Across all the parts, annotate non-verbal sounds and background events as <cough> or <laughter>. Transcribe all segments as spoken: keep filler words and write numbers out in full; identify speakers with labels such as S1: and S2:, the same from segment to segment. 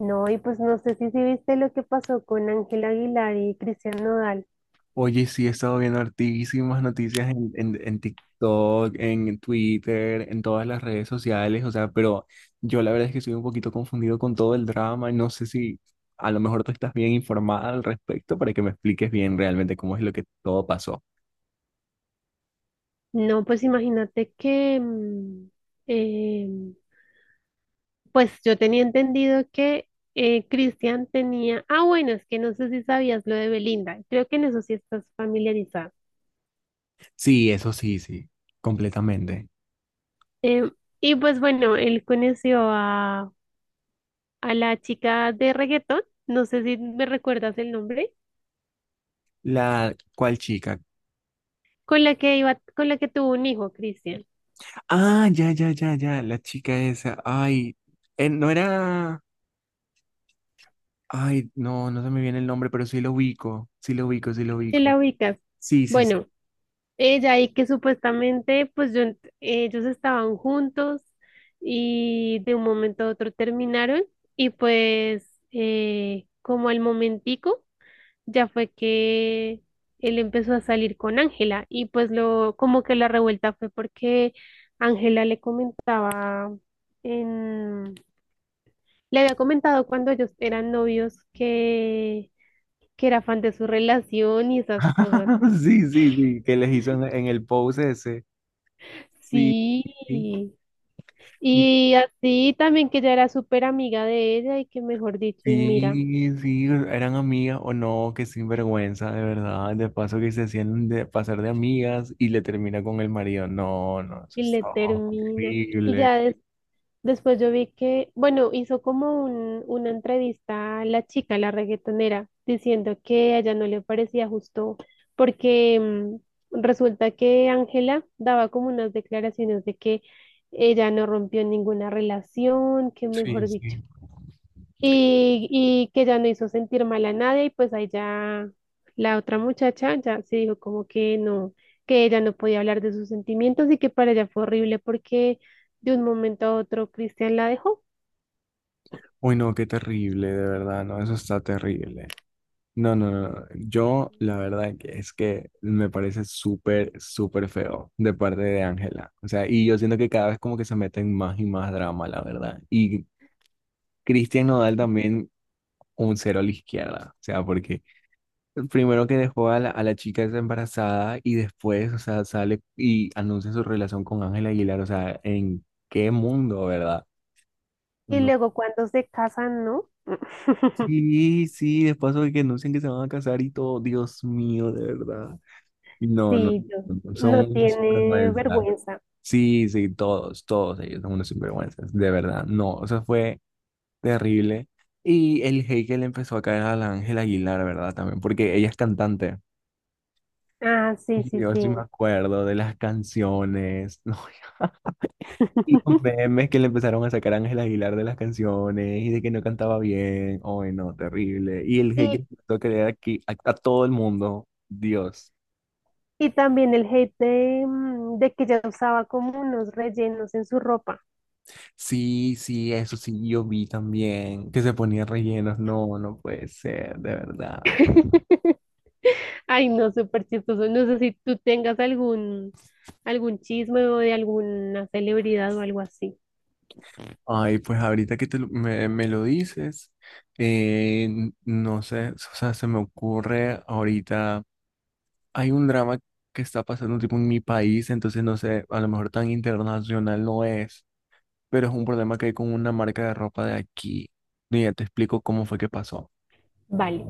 S1: No, y pues no sé si, si viste lo que pasó con Ángel Aguilar y Cristian Nodal.
S2: Oye, sí, he estado viendo hartísimas noticias en, en, en TikTok, en Twitter, en todas las redes sociales, o sea, pero yo la verdad es que estoy un poquito confundido con todo el drama y no sé si a lo mejor tú estás bien informada al respecto para que me expliques bien realmente cómo es lo que todo pasó.
S1: No, pues imagínate que, mm, em, pues yo tenía entendido que eh, Cristian tenía, ah, bueno, es que no sé si sabías lo de Belinda, creo que en eso sí estás familiarizada.
S2: Sí, eso sí, sí, completamente.
S1: Em, y pues bueno, él conoció a, a la chica de reggaetón, no sé si me recuerdas el nombre,
S2: La, ¿cuál chica?
S1: con la que iba, con la que tuvo un hijo, Cristian,
S2: Ah, ya, ya, ya, ya, la chica esa, ay, eh, no era, ay, no, no se me viene el nombre, pero sí lo ubico, sí lo ubico, sí lo
S1: que
S2: ubico.
S1: la ubicas.
S2: Sí, sí.
S1: Bueno. Ella y que supuestamente pues yo ent- ellos estaban juntos y de un momento a otro terminaron y pues eh, como al momentico ya fue que él empezó a salir con Ángela y pues lo como que la revuelta fue porque Ángela le comentaba en le había comentado cuando ellos eran novios que que era fan de su relación y esas cosas.
S2: <laughs> Sí, sí, sí, que les hizo en, <laughs> en el pose ese. Sí,
S1: Sí.
S2: sí,
S1: Y así también que ella era súper amiga de ella y que mejor dicho, y mira,
S2: sí, eran amigas o no, qué sinvergüenza, de verdad. De paso que se hacían de pasar de amigas y le termina con el marido. No, no, eso
S1: y le
S2: está
S1: termina. Y
S2: horrible.
S1: ya des- después yo vi que, bueno, hizo como un, una entrevista a la chica, la reggaetonera, diciendo que a ella no le parecía justo porque, mm, resulta que Ángela daba como unas declaraciones de que ella no rompió ninguna relación, que
S2: Sí,
S1: mejor dicho.
S2: sí.
S1: y, y que ya no hizo sentir mal a nadie y pues ahí ya la otra muchacha ya se dijo como que no, que ella no podía hablar de sus sentimientos y que para ella fue horrible porque de un momento a otro Cristian la dejó
S2: Uy, no, qué terrible, de verdad, no, eso está terrible. No, no, no, no. Yo, la verdad que es que me parece súper, súper feo de parte de Ángela. O sea, y yo siento que cada vez como que se meten más y más drama, la verdad. Y Cristian Nodal también un cero a la izquierda. O sea, porque primero que dejó a la, a la chica esa embarazada y después, o sea, sale y anuncia su relación con Ángela Aguilar. O sea, ¿en qué mundo, verdad?
S1: y
S2: No.
S1: luego cuando se casan, ¿no? <laughs>
S2: Sí, sí, después de que anuncian que se van a casar y todo. Dios mío, de verdad. No, no,
S1: Sí, yo-
S2: no, son
S1: no
S2: unos
S1: tiene
S2: sinvergüenzas.
S1: vergüenza.
S2: Sí, sí, todos, todos ellos son unos sinvergüenzas, de verdad. No, eso fue terrible. Y el hate que le empezó a caer a la Ángela Aguilar, ¿verdad? También, porque ella es cantante.
S1: Ah, sí,
S2: Y
S1: sí,
S2: yo
S1: sí.
S2: sí me acuerdo de las canciones, <laughs> no, y los memes que le empezaron a sacar a Ángela Aguilar de las canciones y de que no cantaba bien. Ay, no, terrible. Y el hate que
S1: Y,
S2: empezó a creer aquí a, a todo el mundo, Dios.
S1: y también el hate de, mm, de que ella usaba como unos rellenos en su ropa.
S2: Sí, sí, eso sí, yo vi también que se ponía rellenos. No, no puede ser, de verdad.
S1: <laughs> Ay, no, súper chistoso. No sé si tú tengas algún, algún chisme o de alguna celebridad o algo así.
S2: Ay, pues ahorita que te lo- me, me lo dices, eh, n- no sé, o sea, se me ocurre ahorita, hay un drama que está pasando tipo en mi país, entonces no sé, a lo mejor tan internacional no es, pero es un problema que hay con una marca de ropa de aquí. Y ya te explico cómo fue que pasó.
S1: Vale,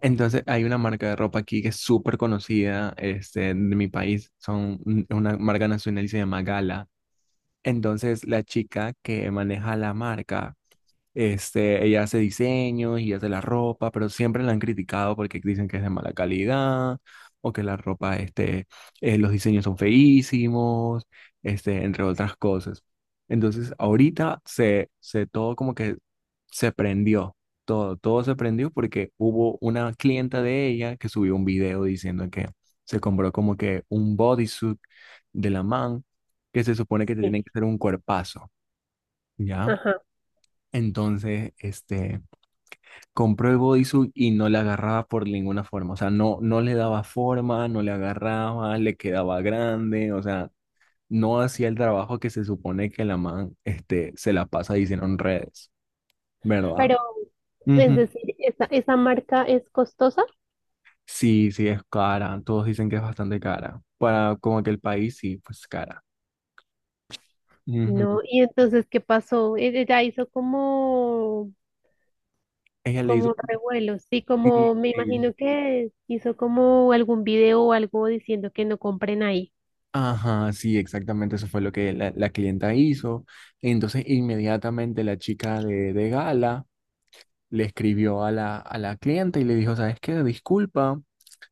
S2: Entonces, hay una marca de ropa aquí que es súper conocida, este, de mi país, son un- una marca nacional y se llama Gala. Entonces, la chica que maneja la marca este, ella hace diseños y hace la ropa, pero siempre la han criticado porque dicen que es de mala calidad o que la ropa, este, eh, los diseños son feísimos, este, entre otras cosas. Entonces, ahorita se, se todo como que se prendió, todo, todo se prendió porque hubo una clienta de ella que subió un video diciendo que se compró como que un bodysuit de la man que se supone que te tienen
S1: sí,
S2: que hacer un cuerpazo, ¿ya?
S1: ajá.
S2: Entonces, este compró el bodysuit y no le agarraba por ninguna forma. O sea, no, no le daba forma, no le agarraba, le quedaba grande. O sea, no hacía el trabajo que se supone que la man este, se la pasa diciendo en redes, ¿verdad?
S1: Pero, es
S2: Ujú.
S1: decir, esa, esa marca es costosa,
S2: Sí, sí, es cara. Todos dicen que es bastante cara. Para como que el país, sí, pues cara. Ujú.
S1: ¿no? Y entonces, ¿qué pasó? E- Ella hizo como,
S2: Ella le hizo...
S1: como revuelo, sí, como
S2: Sí,
S1: me
S2: sí.
S1: imagino que hizo como algún video o algo diciendo que no compren ahí.
S2: Ajá, sí, exactamente, eso fue lo que la, la clienta hizo. Entonces, inmediatamente la chica de, de gala le escribió a la, a la clienta y le dijo, ¿sabes qué? Disculpa,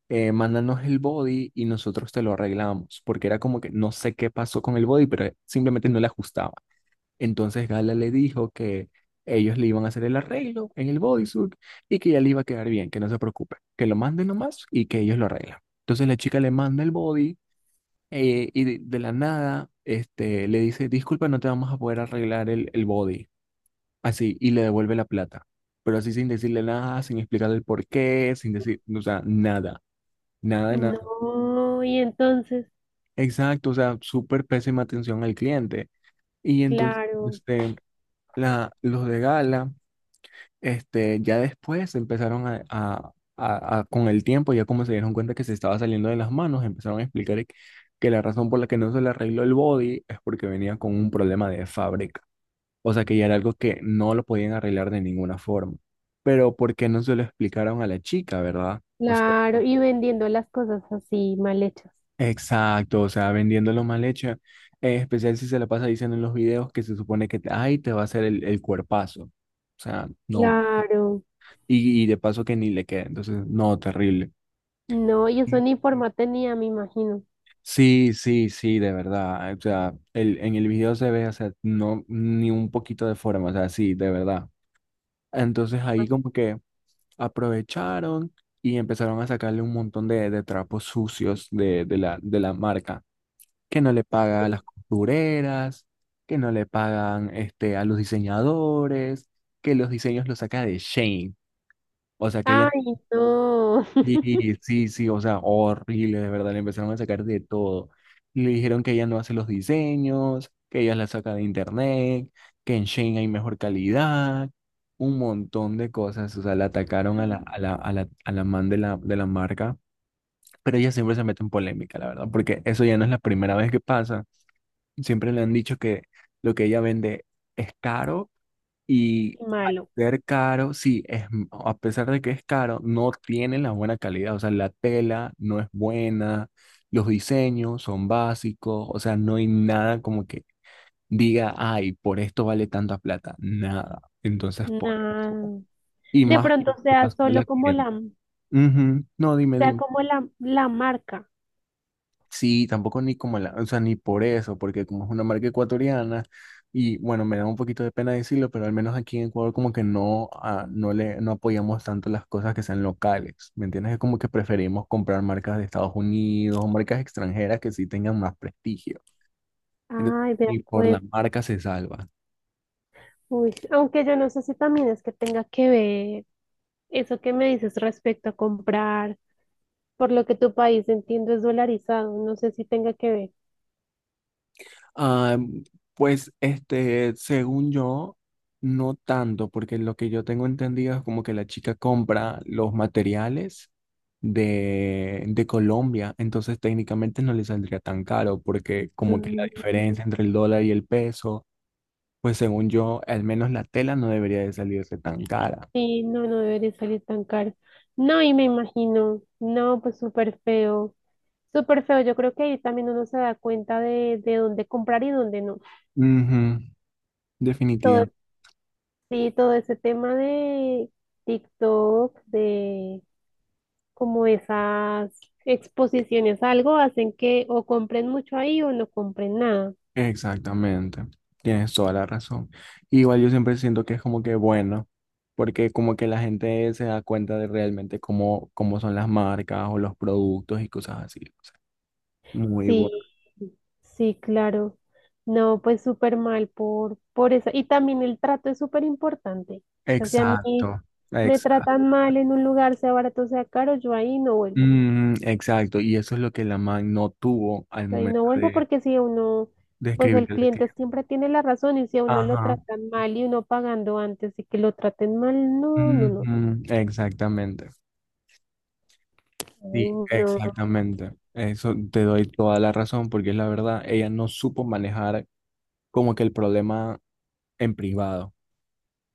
S2: eh, mándanos el body y nosotros te lo arreglamos, porque era como que no sé qué pasó con el body, pero simplemente no le ajustaba. Entonces Gala le dijo que ellos le iban a hacer el arreglo en el bodysuit y que ya le iba a quedar bien, que no se preocupe, que lo manden nomás y que ellos lo arreglan. Entonces la chica le manda el body eh, y de, de la nada este, le dice, disculpa, no te vamos a poder arreglar el, el body así, y le devuelve la plata. Pero así sin decirle nada, sin explicarle el por qué, sin decir, o sea, nada, nada, de nada.
S1: No, y entonces,
S2: Exacto, o sea, súper pésima atención al cliente. Y entonces,
S1: claro.
S2: este, la, los de Gala, este, ya después empezaron a, a- a- a- con el tiempo, ya como se dieron cuenta que se estaba saliendo de las manos, empezaron a explicar que la razón por la que no se le arregló el body es porque venía con un problema de fábrica. O sea que ya era algo que no lo podían arreglar de ninguna forma. Pero ¿por qué no se lo explicaron a la chica, verdad? O sea,
S1: Claro, y vendiendo las cosas así mal hechas.
S2: exacto, o sea, vendiéndolo mal hecho. En especial si se la pasa diciendo en los videos que se supone que, ay, te va a hacer el, el cuerpazo. O sea, no.
S1: Claro.
S2: Y, y de paso que ni le queda. Entonces, no, terrible.
S1: No, y eso ni forma tenía, me imagino.
S2: Sí, sí, sí, de verdad. O sea, el, en el video se ve, o sea, no, ni un poquito de forma, o sea, sí, de verdad. Entonces ahí como que aprovecharon y empezaron a sacarle un montón de, de trapos sucios de, de la, de la marca, que no le paga a las costureras, que no le pagan este, a los diseñadores, que los diseños los saca de Shane. O sea que ella
S1: Ay, no.
S2: Sí,
S1: <laughs>
S2: sí, sí, o sea, horrible, de verdad, le empezaron a sacar de todo. Le dijeron que ella no hace los diseños, que ella la saca de internet, que en Shein hay mejor calidad, un montón de cosas, o sea, la atacaron a la, a la, a la, a la man de la, de la marca, pero ella siempre se mete en polémica, la verdad, porque eso ya no es la primera vez que pasa. Siempre le han dicho que lo que ella vende es caro y
S1: Qué
S2: al
S1: malo.
S2: ser caro, sí, es, m- a pesar de que es caro, no tiene la buena calidad. O sea, la tela no es buena, los diseños son básicos, o sea, no hay nada como que diga, ay, por esto vale tanta plata. Nada. Entonces, por eso.
S1: No.
S2: Y
S1: De
S2: más,
S1: pronto
S2: ¿qué
S1: sea
S2: pasó de la
S1: solo como
S2: cliente?
S1: la,
S2: Ujú. No, dime,
S1: sea
S2: dime.
S1: como la, la marca.
S2: Sí, tampoco ni como la, o sea, ni por eso, porque como es una marca ecuatoriana, y bueno, me da un poquito de pena decirlo, pero al menos aquí en Ecuador como que no, ah, no le, no apoyamos tanto las cosas que sean locales, ¿me entiendes? Es como que preferimos comprar marcas de Estados Unidos o marcas extranjeras que sí tengan más prestigio. Entonces,
S1: Ay, de
S2: y por la
S1: acuerdo.
S2: marca se salva.
S1: Uy, aunque yo no sé si también es que tenga que ver eso que me dices respecto a comprar, por lo que tu país entiendo es dolarizado. No sé si tenga que ver.
S2: Ah, pues este, según yo, no tanto, porque lo que yo tengo entendido es como que la chica compra los materiales de, de Colombia, entonces técnicamente no le saldría tan caro, porque como que la
S1: Mm.
S2: diferencia entre el dólar y el peso, pues según yo, al menos la tela no debería de salirse tan cara.
S1: Sí, no, no debería salir tan caro. No, y me imagino, no, pues súper feo, súper feo. Yo creo que ahí también uno se da cuenta de, de dónde comprar y dónde no.
S2: Ujú,
S1: Todo,
S2: definitivamente.
S1: sí, todo ese tema de TikTok, de como esas exposiciones, algo hacen que o compren mucho ahí o no compren nada.
S2: Exactamente, tienes toda la razón. Igual yo siempre siento que es como que bueno, porque como que la gente se da cuenta de realmente cómo, cómo son las marcas o los productos y cosas así. O sea, muy bueno.
S1: Sí, sí, claro. No, pues súper mal por, por eso. Y también el trato es súper importante. O sea, si a mí
S2: Exacto,
S1: me
S2: exacto.
S1: tratan mal en un lugar, sea barato, sea caro, yo ahí no vuelvo.
S2: Mm, exacto, y eso es lo que la man no tuvo al
S1: Yo ahí
S2: momento
S1: no vuelvo
S2: de,
S1: porque si a uno,
S2: de
S1: pues el
S2: escribirle al
S1: cliente
S2: cliente.
S1: siempre tiene la razón y si a uno lo
S2: Ajá,
S1: tratan mal y uno pagando antes y que lo traten mal, no, no, no.
S2: ujú, exactamente. Sí,
S1: Ay, no.
S2: exactamente. Eso te doy toda la razón porque es la verdad, ella no supo manejar como que el problema en privado,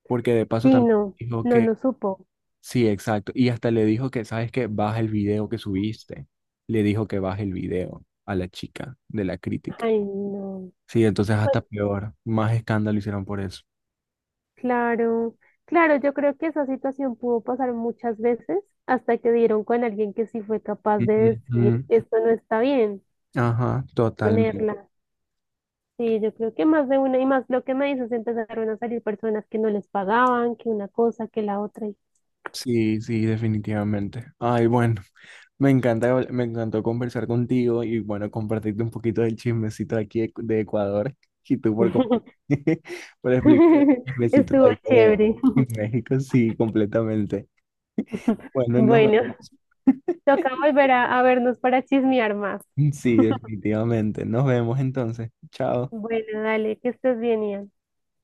S2: porque de paso
S1: Sí,
S2: también
S1: no,
S2: dijo
S1: no,
S2: que,
S1: no supo.
S2: sí, exacto, y hasta le dijo que, ¿sabes qué? Baja el video que subiste, le dijo que baje el video a la chica de la crítica,
S1: Ay, no.
S2: sí, entonces hasta
S1: Pues
S2: peor, más escándalo hicieron por eso.
S1: claro, claro, yo creo que esa situación pudo pasar muchas veces hasta que dieron con alguien que sí fue capaz de
S2: Ujú, ujú.
S1: decir, esto no está bien,
S2: Ajá, totalmente.
S1: ponerla. Sí, yo creo que más de una y más lo que me dices, empezaron a salir personas que no les pagaban, que una cosa, que la otra. Y...
S2: Sí, sí, definitivamente. Ay, bueno, me encanta, habl- me encantó conversar contigo y bueno, compartirte un poquito del chismecito de aquí de, de Ecuador <laughs> y tú por, compa- <laughs> por explicar
S1: <laughs>
S2: el chismecito de
S1: Estuvo
S2: ahí de
S1: chévere.
S2: México, sí, completamente. <laughs> Bueno, nos
S1: Bueno,
S2: vemos.
S1: toca volver a, a vernos para chismear más.
S2: Sí, definitivamente. Nos vemos entonces. Chao.
S1: Bueno, dale, que estés bien, Ian.